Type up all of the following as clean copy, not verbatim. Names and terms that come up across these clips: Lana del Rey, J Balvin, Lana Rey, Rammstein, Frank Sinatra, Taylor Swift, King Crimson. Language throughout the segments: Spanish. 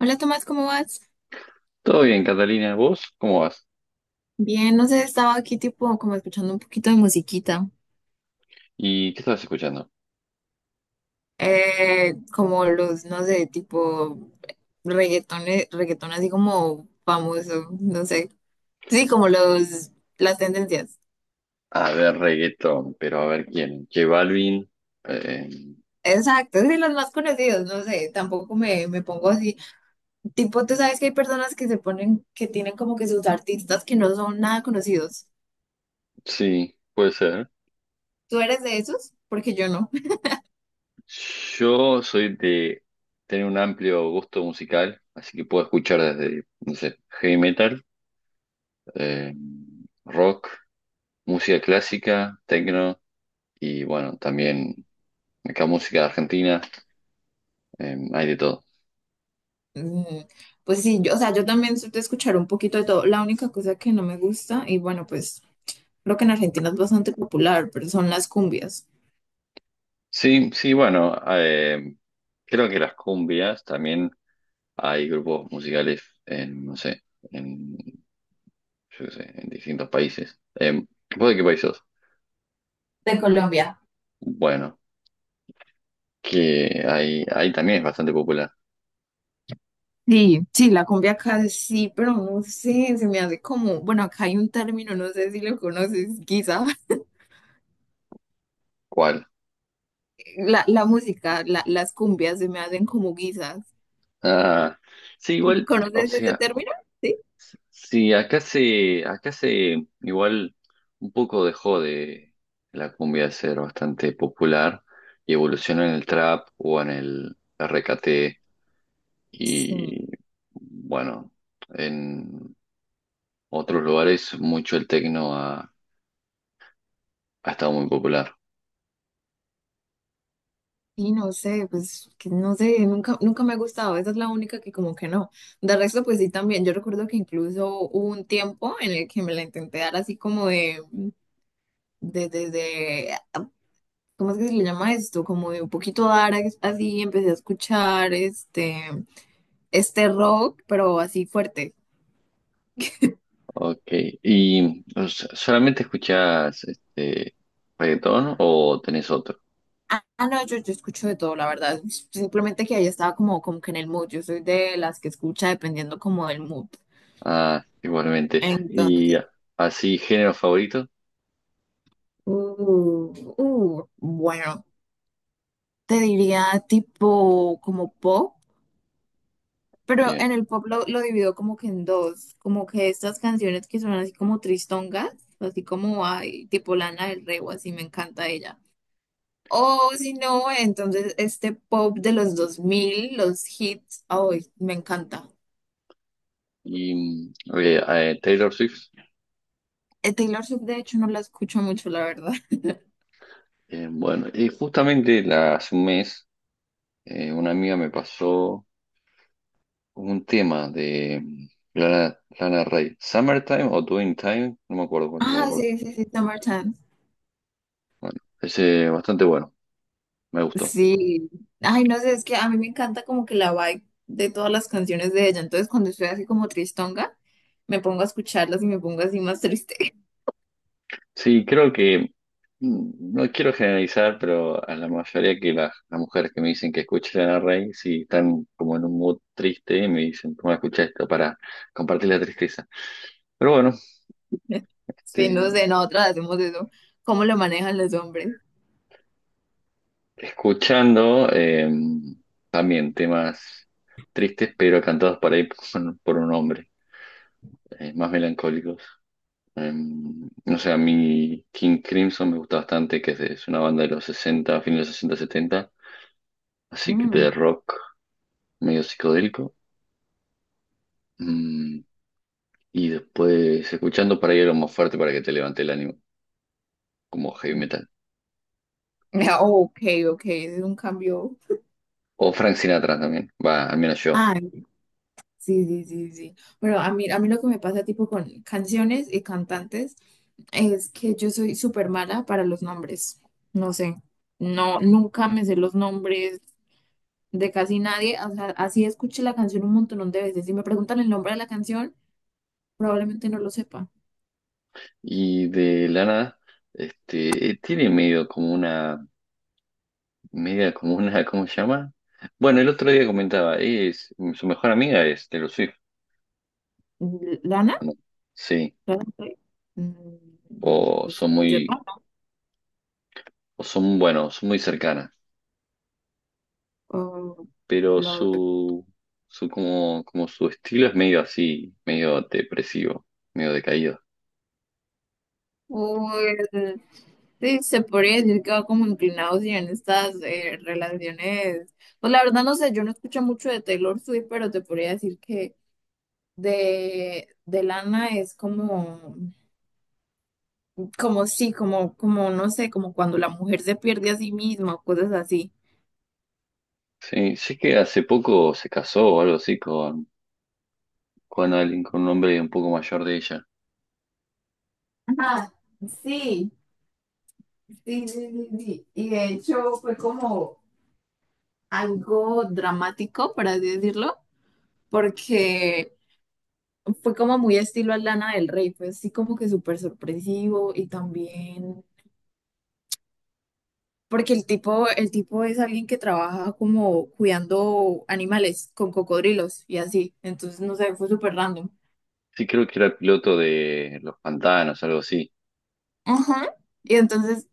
Hola Tomás, ¿cómo vas? Todo bien, Catalina, ¿vos cómo vas? Bien, no sé, estaba aquí tipo como escuchando un poquito de musiquita, ¿Y qué estabas escuchando? Como los, no sé, tipo reggaetón así como famoso, no sé, sí, como los, las tendencias. A ver, reggaetón, pero a ver quién. J Balvin. eh, Exacto, sí, los más conocidos, no sé, tampoco me pongo así. Tipo, tú sabes que hay personas que se ponen, que tienen como que sus artistas que no son nada conocidos. sí, puede ser. ¿Tú eres de esos? Porque yo no. Yo soy de tener un amplio gusto musical, así que puedo escuchar desde, no sé, heavy metal, eh, rock, música clásica, techno y bueno, también acá música argentina. Hay de todo. Mm, pues sí, yo, o sea, yo también soy de escuchar un poquito de todo. La única cosa que no me gusta, y bueno, pues creo que en Argentina es bastante popular, pero son las cumbias. Sí, sí, bueno, creo que las cumbias también. Hay grupos musicales en, no sé, en, yo qué sé, en distintos países. ¿Vos de qué país sos? De Colombia. Bueno, que ahí también es bastante popular. Sí, sí, la cumbia acá sí, pero no sé, se me hace como, bueno, acá hay un término, no sé si lo conoces, guisa. ¿Cuál? La música, las cumbias se me hacen como guisas. Ah, sí, igual, o ¿Conoces ese sea, término? Sí. sí, igual, un poco dejó de la cumbia de ser bastante popular y evolucionó en el trap o en el RKT Sí. y, bueno, en otros lugares mucho el tecno ha, ha estado muy popular. Y no sé, pues que no sé, nunca me ha gustado, esa es la única que como que no. De resto, pues sí también, yo recuerdo que incluso hubo un tiempo en el que me la intenté dar así como de, de, de, de, ah, ¿cómo es que se le llama esto? Como de un poquito dar así, empecé a escuchar este rock, pero así fuerte. Ok. ¿Y o sea, solamente escuchás este reggaetón o tenés otro? No, yo escucho de todo, la verdad. Simplemente que ahí estaba como, como que en el mood. Yo soy de las que escucha dependiendo como del mood. Ok. Ah, igualmente. ¿Y Entonces, así género favorito? Uh, bueno, te diría tipo como pop, pero Bien. en el pop lo divido como que en dos, como que estas canciones que son así como tristongas, así como ay, tipo Lana del Rey o así, me encanta ella. O si no, entonces este pop de los 2000, los hits, ay, me encanta. Y eh, Taylor Swift. Taylor Swift de hecho no la escucho mucho, la verdad. Bueno, y justamente hace un mes una amiga me pasó un tema de Lana Rey. ¿Summertime o Doing Time? No me acuerdo cuál de los Ah, dos. sí, sí, sí, Summertime. Bueno, ese bastante bueno. Me gustó. Sí, ay, no sé, es que a mí me encanta como que la vibe de todas las canciones de ella, entonces cuando estoy así como tristonga, me pongo a escucharlas y me pongo así más triste. Sí, creo que, no quiero generalizar, pero a la mayoría que las mujeres que me dicen que escuchen a Rey, si están como en un mood triste, me dicen, toma, escucha esto para compartir la tristeza. Pero bueno, Sí, este, no sé, nosotras hacemos eso, ¿cómo lo manejan los hombres? escuchando también temas tristes, pero cantados por ahí por un hombre, más melancólicos. No sé, a mí King Crimson me gusta bastante, que es, es una banda de los sesenta, fines de los 60 setenta, así que Mm. de rock medio psicodélico. Mm, y después escuchando por ahí algo más fuerte para que te levante el ánimo, como heavy metal. Ah, oh, ok, ok, ese es un cambio. O Frank Sinatra también, va, al menos yo. Ah, sí, sí, sí, sí. Pero a mí lo que me pasa tipo con canciones y cantantes es que yo soy súper mala para los nombres. No sé, no, nunca me sé los nombres, de casi nadie. O sea, así escuché la canción un montón de veces. Si me preguntan el nombre de la canción, probablemente no lo sepa. Y de la nada, tiene medio como una, media como una, ¿cómo se llama? Bueno, el otro día comentaba, es, su mejor amiga es Taylor Swift, ¿Lana? ¿o no? Sí, ¿Lana del Rey? Mm, o pues son que muy, sepa. o son, bueno, son muy cercanas, O, pues, pero lo- su como, como su estilo es medio así, medio depresivo, medio decaído. o el- Sí, se podría decir que va como inclinado sí, en estas relaciones. Pues la verdad no sé, yo no escucho mucho de Taylor Swift, pero te podría decir que de Lana es como, como sí, como, como no sé, como cuando la mujer se pierde a sí misma o cosas así. Sí, sé que hace poco se casó o algo así con alguien, con un hombre un poco mayor de ella. Ah, sí, sí, sí, sí, sí. Y de hecho fue como algo dramático, por así decirlo, porque fue como muy estilo Lana del Rey, fue así como que súper sorpresivo y también porque el tipo es alguien que trabaja como cuidando animales con cocodrilos y así, entonces no sé, fue súper random. Sí, creo que era piloto de Los Pantanos, algo así. Ajá. Y entonces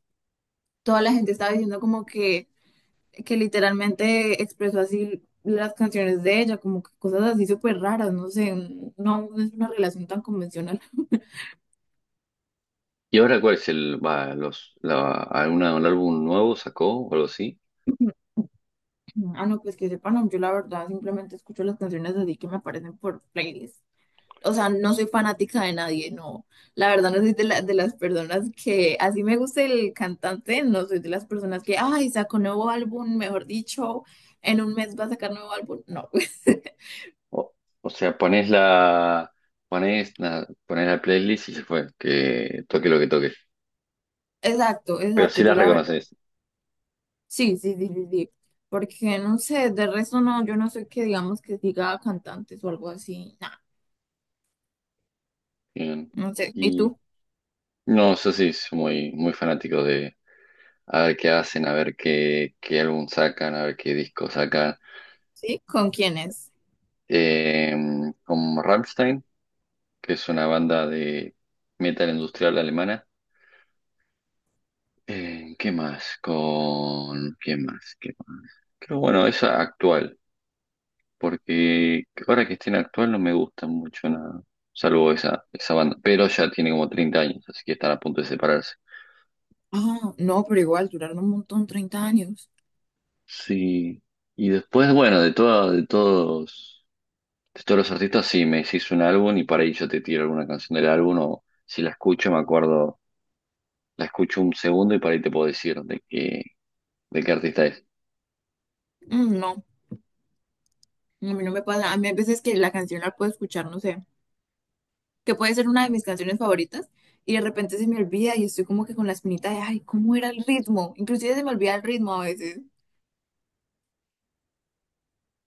toda la gente estaba diciendo como que literalmente expresó así las canciones de ella, como que cosas así súper raras, no sé, no es una relación tan convencional. ¿Y ahora cuál es el, va, los, la, alguna, un álbum nuevo sacó o algo así? Ah, no, pues que sepan, no, yo la verdad simplemente escucho las canciones así que me aparecen por playlist. O sea, no soy fanática de nadie, no. La verdad no soy de, de las personas que, así me gusta el cantante, no soy de las personas que, ay, sacó nuevo álbum, mejor dicho, en un mes va a sacar nuevo álbum. No. O, o sea, pones la, pones la playlist y se fue, que toque lo que toque. Exacto, Pero exacto. sí Yo las la reconoces. sí, sí, sí, sí, sí. Porque no sé, de resto no, yo no soy que digamos que diga cantantes o algo así. Nah, Bien. no sé. ¿Y Y tú? no, yo sí soy muy, muy fanático de a ver qué hacen, a ver qué, qué álbum sacan, a ver qué disco sacan. ¿Sí? ¿Con quiénes? Eh, Como Rammstein, que es una banda de metal industrial alemana. ¿Qué más? Con... ¿Qué más? ¿Qué más? Pero bueno, esa actual, porque ahora que esté en actual no me gusta mucho nada, salvo esa, esa banda, pero ya tiene como 30 años, así que están a punto de separarse. Ah, no, pero igual duraron un montón, 30 años. Sí, y después, bueno, de todo, de todos los artistas, sí, me decís un álbum y para ahí yo te tiro alguna canción del álbum, o si la escucho, me acuerdo, la escucho un segundo y para ahí te puedo decir de qué artista es. Mm, no, a mí no me pasa. A mí hay veces que la canción la puedo escuchar, no sé, que puede ser una de mis canciones favoritas y de repente se me olvida y estoy como que con la espinita de, ay, ¿cómo era el ritmo? Inclusive se me olvida el ritmo a veces,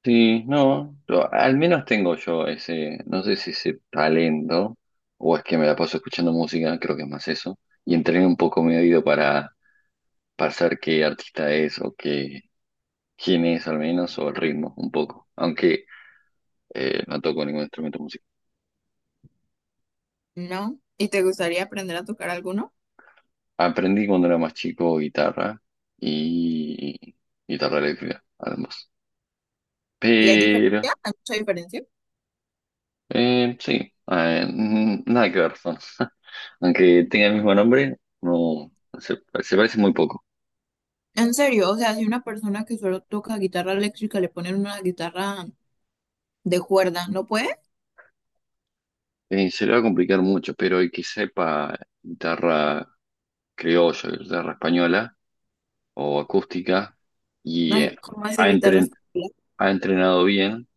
Sí, no, al menos tengo yo ese, no sé si ese talento, o es que me la paso escuchando música, creo que es más eso, y entrené un poco mi oído para saber qué artista es o qué, quién es al menos, o el ritmo un poco, aunque no toco ningún instrumento musical. ¿no? ¿Y te gustaría aprender a tocar alguno? Aprendí cuando era más chico guitarra y guitarra eléctrica, además. ¿Y hay Pero diferencia? ¿Hay mucha diferencia? Sí, nada que ver son. Aunque tenga el mismo nombre, no se, se parece muy poco. En serio, o sea, si una persona que solo toca guitarra eléctrica le ponen una guitarra de cuerda, ¿no puede? Se le va a complicar mucho, pero el que sepa guitarra criolla, guitarra española o acústica y Ay, ¿cómo así ha, guitarra entren- española? ha entrenado bien,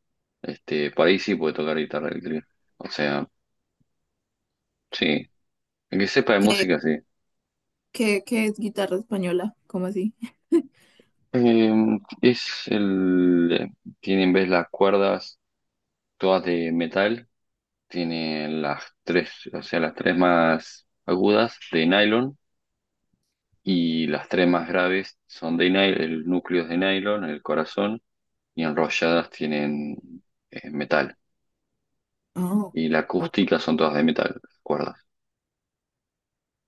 para ahí sí puede tocar guitarra eléctrica. O sea, sí, el que sepa de música, sí. ¿Qué, qué es guitarra española? ¿Cómo así? Eh, es el, tiene en vez las cuerdas todas de metal. Tiene las tres, o sea, las tres más agudas de nylon y las tres más graves son de nylon, el núcleo es de nylon, el corazón, y enrolladas tienen metal. Oh, Y la oh, acústica son todas de metal, las cuerdas.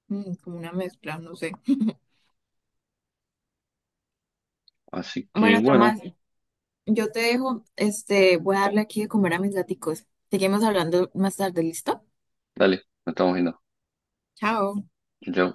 mm, como una mezcla, no sé. Así que Bueno, bueno, Tomás, yo te dejo, este, voy a darle aquí de comer a mis gaticos. Seguimos hablando más tarde, ¿listo? dale, nos estamos viendo. Chao. Chau, chau.